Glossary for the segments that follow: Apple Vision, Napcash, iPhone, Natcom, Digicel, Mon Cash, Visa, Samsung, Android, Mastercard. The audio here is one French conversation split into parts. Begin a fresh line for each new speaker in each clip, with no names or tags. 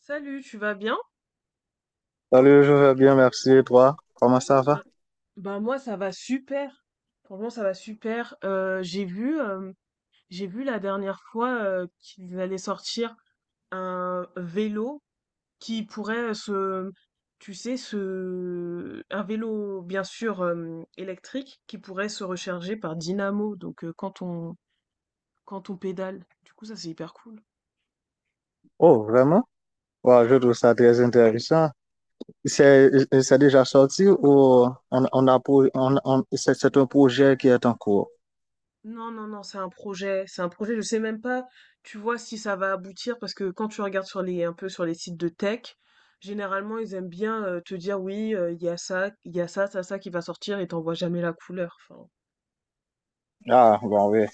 Salut, tu vas bien?
Salut, je vais bien, merci. Et toi, comment ça
Bah
va?
Moi ça va super. Franchement ça va super. J'ai vu j'ai vu la dernière fois qu'ils allaient sortir un vélo qui pourrait se tu sais se un vélo bien sûr électrique qui pourrait se recharger par dynamo donc quand on quand on pédale. Du coup ça c'est hyper cool.
Oh, vraiment? Ouais, je trouve ça très intéressant. C'est, c'est déjà sorti ou on a, pour- on- c'est un projet qui est en cours?
Non, non, non, c'est un projet, c'est un projet. Je sais même pas, tu vois, si ça va aboutir parce que quand tu regardes sur les un peu sur les sites de tech, généralement ils aiment bien te dire oui, il y a ça, il y a ça, ça, ça qui va sortir et t'en vois jamais la couleur. Enfin,
Ah, bon, oui,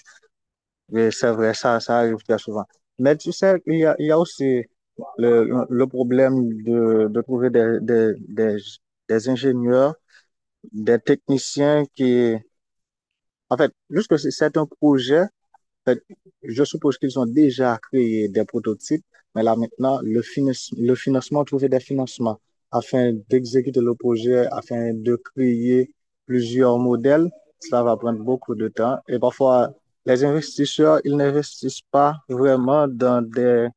oui, c'est vrai, ça arrive très souvent. Mais tu sais, il y a aussi le problème de trouver des ingénieurs, des techniciens qui, en fait, juste que c'est un projet fait, je suppose qu'ils ont déjà créé des prototypes, mais là maintenant, le financement, trouver des financements afin d'exécuter le projet, afin de créer plusieurs modèles, ça va prendre beaucoup de temps. Et parfois, les investisseurs, ils n'investissent pas vraiment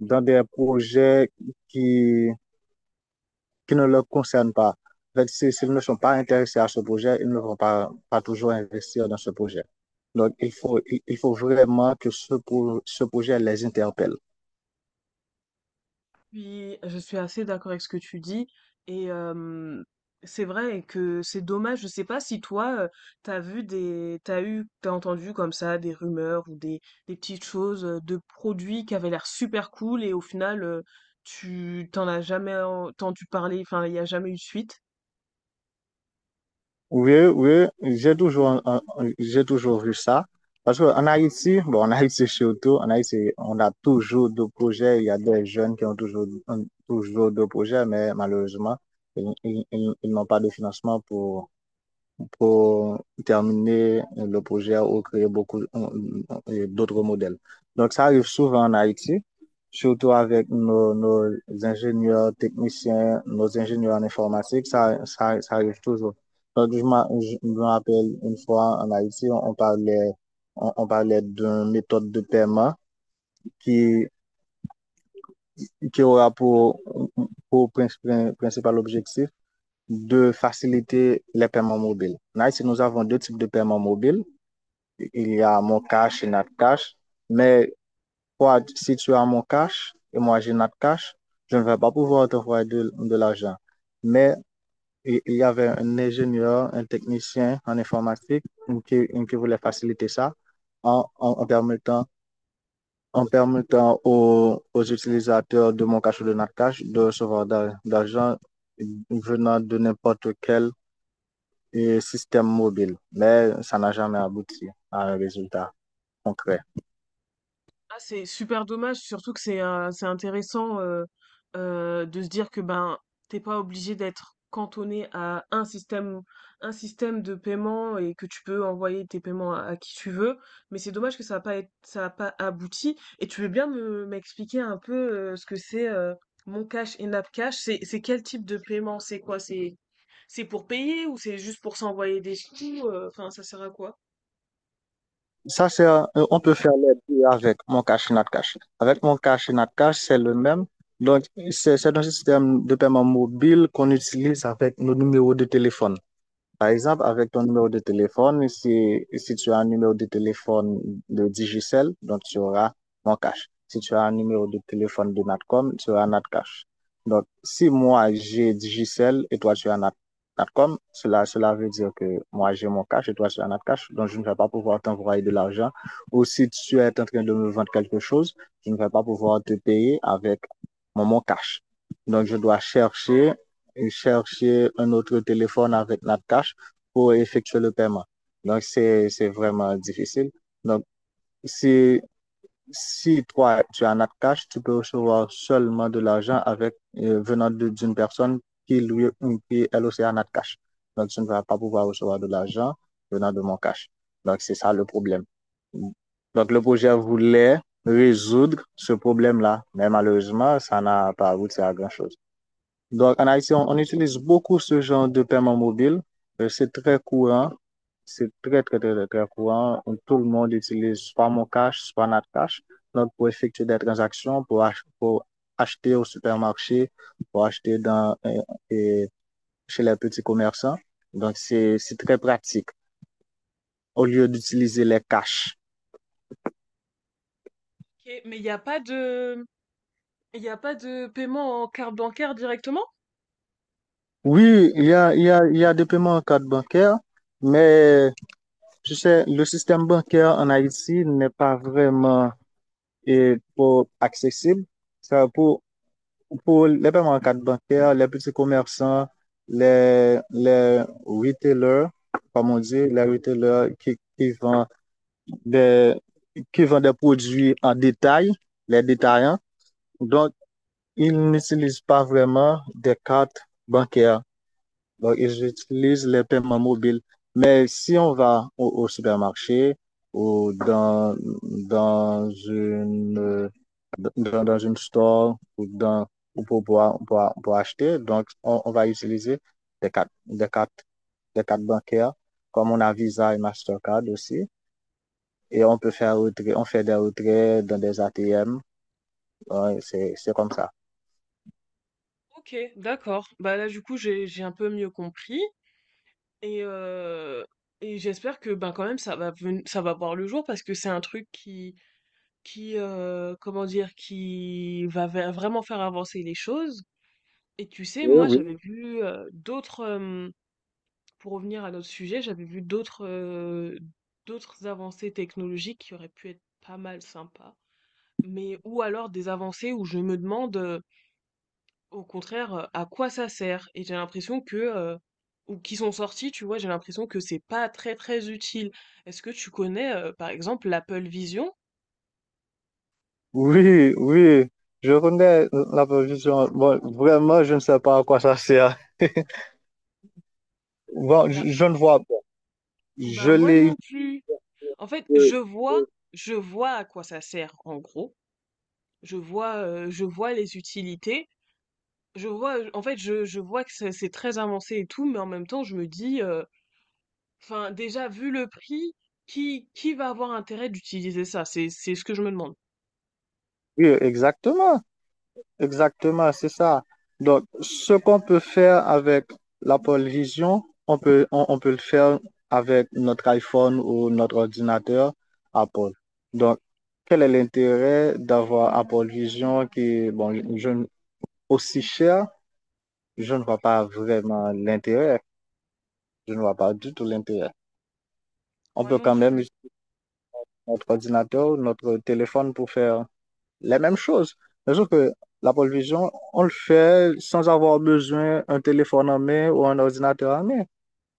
dans des projets qui, qui ne leur concernent pas. S'ils ne sont pas intéressés à ce projet, ils ne vont pas, pas toujours investir dans ce projet. Donc, il faut, il faut vraiment que ce projet les interpelle.
oui, je suis assez d'accord avec ce que tu dis et c'est vrai que c'est dommage. Je sais pas si toi, tu vu des t'as entendu comme ça des rumeurs ou des petites choses, de produits qui avaient l'air super cool et au final, tu t'en as jamais entendu parler, enfin, il y a jamais eu de suite?
Oui, oui, j'ai toujours vu ça. Parce qu'en Haïti, bon, en Haïti surtout, en Haïti, on a toujours deux projets. Il y a des jeunes qui ont toujours deux projets, mais malheureusement, ils n'ont pas de financement pour terminer le projet ou créer beaucoup d'autres modèles. Donc, ça arrive souvent en Haïti, surtout avec nos ingénieurs techniciens, nos ingénieurs en informatique, ça arrive toujours. Donc, je me rappelle une fois en Haïti, on parlait, on parlait d'une méthode de paiement qui, qui aura pour principal objectif de faciliter les paiements mobiles. En Haïti, nous avons deux types de paiements mobiles, il y a mon cash et notre cash. Mais toi, si tu as mon cash et moi j'ai notre cash, je ne vais pas pouvoir t'envoyer de l'argent. Mais il y avait un ingénieur, un technicien en informatique qui voulait faciliter ça en, en, en permettant, en permettant aux utilisateurs de mon cash ou de notre cash de recevoir d'argent venant de n'importe quel système mobile. Mais ça n'a jamais abouti à un résultat concret.
Ah, c'est super dommage, surtout que c'est intéressant de se dire que ben t'es pas obligé d'être cantonné à un système de paiement et que tu peux envoyer tes paiements à qui tu veux. Mais c'est dommage que ça a pas abouti. Et tu veux bien me m'expliquer un peu ce que c'est Mon Cash et Napcash? C'est quel type de paiement? C'est quoi? C'est pour payer ou c'est juste pour s'envoyer des sous? Enfin, ça sert à quoi?
Ça, on peut faire les deux avec mon cash et Natcash. Avec mon cash et Natcash, c'est le même. Donc, c'est un système de paiement mobile qu'on utilise avec nos numéros de téléphone. Par exemple, avec ton numéro de téléphone, si tu as un numéro de téléphone de Digicel, donc tu auras mon cash. Si tu as un numéro de téléphone de Natcom, tu auras Natcash. Donc, si moi j'ai Digicel et toi tu as Natcom, cela veut dire que moi j'ai mon cash et toi tu as Natcash, donc je ne vais pas pouvoir t'envoyer de l'argent. Ou si tu es en train de me vendre quelque chose, je ne vais pas pouvoir te payer avec mon cash. Donc, je dois chercher chercher un autre téléphone avec notre cash pour effectuer le paiement. Donc, c'est vraiment difficile. Donc, si, si toi, tu as notre cash, tu peux recevoir seulement de l'argent avec, venant d'une personne qui, lui, qui elle aussi a notre cash. Donc, tu ne vas pas pouvoir recevoir de l'argent venant de mon cash. Donc, c'est ça le problème. Donc, le projet voulait résoudre ce problème-là, mais malheureusement, ça n'a pas abouti à grand-chose. Donc, en Haïti, on utilise beaucoup ce genre de paiement mobile. C'est très courant. C'est très, très, très, très, très courant. Tout le monde utilise soit mon cash, soit notre cash. Donc, pour effectuer des transactions, pour acheter au supermarché, pour acheter dans, euh, chez les petits commerçants. Donc, c'est très pratique au lieu d'utiliser les cash.
Ok, mais il n'y a pas de paiement en carte bancaire directement?
Oui, il y a des paiements en carte bancaire, mais je sais, le système bancaire en Haïti n'est pas vraiment et pour accessible. Ça, pour les paiements en carte bancaire, les petits commerçants, les retailers, comme on dit, les retailers qui vendent des, qui vendent des produits en détail, les détaillants. Donc, ils n'utilisent pas vraiment des cartes bancaires. Donc, ils utilisent les paiements mobiles. Mais si on va au supermarché ou dans une, euh, dans, dans une store ou dans, ou pour, pour acheter, donc on va utiliser des cartes, des cartes, des cartes bancaires, comme on a Visa et Mastercard aussi. Et on peut faire retrait, on fait des retraits dans des ATM. Ouais, c'est comme ça.
Ok, d'accord. Bah là, du coup, j'ai un peu mieux compris et euh, et j'espère que ben quand même ça va voir le jour parce que c'est un truc qui comment dire qui vraiment faire avancer les choses. Et tu sais,
Oui,
moi, j'avais
oui.
vu d'autres pour revenir à notre sujet, j'avais vu d'autres d'autres avancées technologiques qui auraient pu être pas mal sympas, mais ou alors des avancées où je me demande au contraire à quoi ça sert et j'ai l'impression que ou qui sont sorties, tu vois, j'ai l'impression que c'est pas très très utile. Est-ce que tu connais par exemple l'Apple Vision?
Oui, oui, je connais la position. Bon, vraiment, je ne sais pas à quoi ça sert. Bon,
Bah,
je ne vois pas. Je
bah moi
l'ai.
non plus. En fait,
euh,
je vois à quoi ça sert en gros. Je vois les utilités. Je vois, en fait, je vois que c'est très avancé et tout, mais en même temps, je me dis, enfin, déjà, vu le prix, qui va avoir intérêt d'utiliser ça? C'est ce que je me demande.
Oui, exactement. Exactement, c'est ça. Donc, ce qu'on peut faire avec la pole vision, on peut le faire avec notre iPhone ou notre ordinateur Apple. Donc, quel est l'intérêt d'avoir Apple Vision qui est bon, aussi cher? Je ne vois pas vraiment l'intérêt. Je ne vois pas du tout l'intérêt. On
Moi
peut
non
quand même
plus.
utiliser notre ordinateur, notre téléphone pour faire les mêmes choses. Mais sauf que la pole vision, on le fait sans avoir besoin d'un téléphone en main ou un ordinateur en main.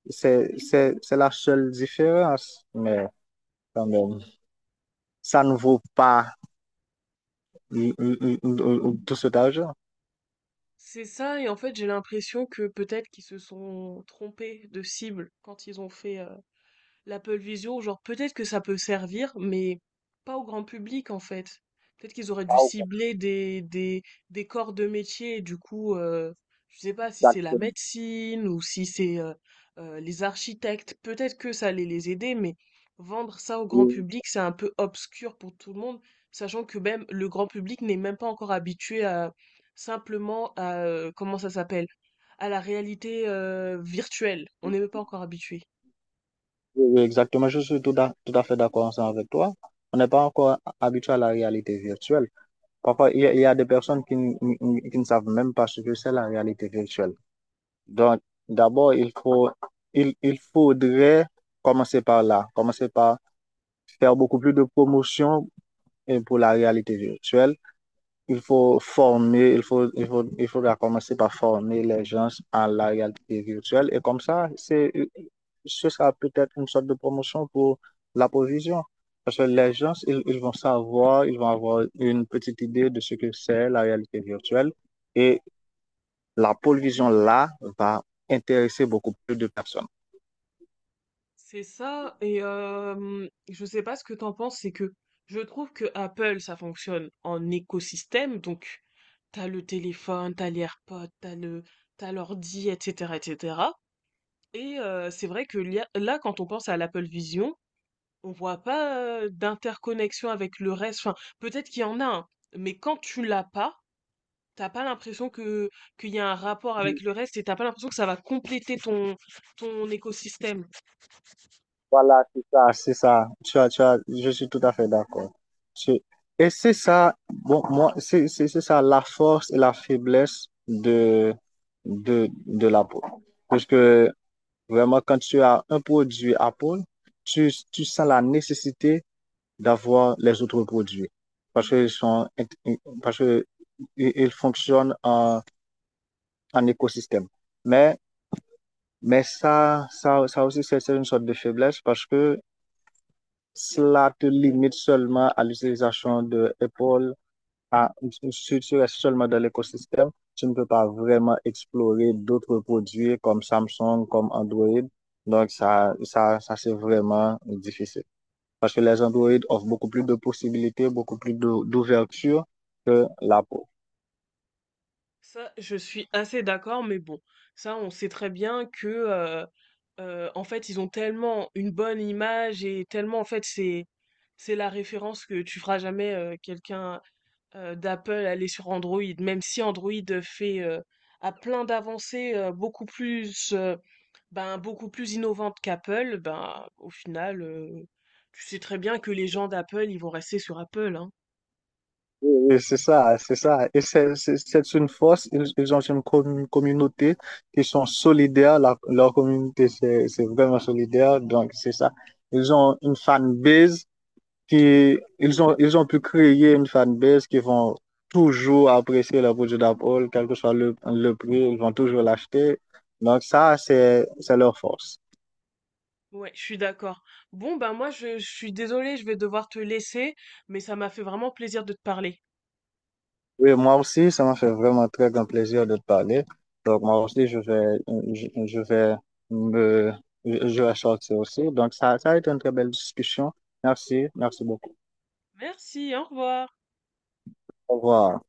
C'est la seule différence. Mais quand même, ça ne vaut pas l- l- l- l- tout cet argent.
C'est ça, et en fait, j'ai l'impression que peut-être qu'ils se sont trompés de cible quand ils ont fait, l'Apple Vision, genre peut-être que ça peut servir, mais pas au grand public en fait. Peut-être qu'ils auraient dû
Ah,
cibler des corps de métier, du coup, je sais pas si c'est la
exactement.
médecine ou si c'est les architectes, peut-être que ça allait les aider, mais vendre ça au grand
Oui,
public, c'est un peu obscur pour tout le monde, sachant que même le grand public n'est même pas encore habitué à simplement à, comment ça s'appelle, à la réalité virtuelle. On n'est même pas encore habitué.
oui, exactement. Je suis tout à, tout à fait d'accord ensemble avec toi. On n'est pas encore habitué à la réalité virtuelle. Parfois, il y a des personnes qui, qui ne savent même pas ce que c'est la réalité virtuelle. Donc, d'abord, il faut, il faudrait commencer par là, commencer par faire beaucoup plus de promotion pour la réalité virtuelle. Il faut former, il faudra commencer par former les gens à la réalité virtuelle. Et comme ça, ce sera peut-être une sorte de promotion pour la provision. Parce que les gens, ils vont savoir, ils vont avoir une petite idée de ce que c'est la réalité virtuelle. Et la provision là va intéresser beaucoup plus de personnes.
C'est ça, et je sais pas ce que t'en penses, c'est que je trouve que Apple, ça fonctionne en écosystème, donc t'as le téléphone, t'as les AirPods, t'as l'ordi, etc., etc. Et cetera. Et c'est vrai que là, quand on pense à l'Apple Vision, on voit pas d'interconnexion avec le reste. Enfin, peut-être qu'il y en a un, mais quand tu l'as pas, t'as pas l'impression que qu'il y a un rapport avec le reste, et t'as pas l'impression que ça va compléter ton ton écosystème.
Voilà, c'est ça, c'est ça. Je suis tout à fait d'accord. C'est- Et c'est ça, bon, moi, c'est ça la force et la faiblesse de l'Apple. Parce que vraiment, quand tu as un produit Apple, tu sens la nécessité d'avoir les autres produits. Parce qu'ils sont, int- parce que ils fonctionnent en écosystème. Mais, ça aussi, c'est une sorte de faiblesse parce que cela te limite seulement à l'utilisation de Apple, à, si tu restes seulement dans l'écosystème, tu ne peux pas vraiment explorer d'autres produits comme Samsung, comme Android. Donc, ça c'est vraiment difficile. Parce que les Android offrent beaucoup plus de possibilités, beaucoup plus d'ouverture que l'Apple.
Ça, je suis assez d'accord, mais bon, ça, on sait très bien que, en fait, ils ont tellement une bonne image et tellement, en fait, c'est la référence que tu feras jamais quelqu'un d'Apple aller sur Android, même si Android fait, euh, a plein d'avancées beaucoup plus, ben, beaucoup plus innovantes qu'Apple, ben, au final, tu sais très bien que les gens d'Apple, ils vont rester sur Apple, hein.
Et c'est ça, c'est ça. Et c'est une force. Ils ont une communauté qui sont solidaires. Leur communauté, c'est vraiment solidaire. Donc, c'est ça. Ils ont une fanbase qui, ils ont pu créer une fanbase qui vont toujours apprécier le produit d'Apple, quel que soit le prix, ils vont toujours l'acheter. Donc, ça, c'est leur force.
Ouais, je suis d'accord. Bon, bah moi, je suis désolée, je vais devoir te laisser, mais ça m'a fait vraiment plaisir de te parler.
Oui, moi aussi, ça m'a fait vraiment très grand plaisir de te parler. Donc, moi aussi, je vais me, je vais sortir aussi. Donc, ça a été une très belle discussion. Merci, merci beaucoup.
Merci, au revoir.
Au revoir.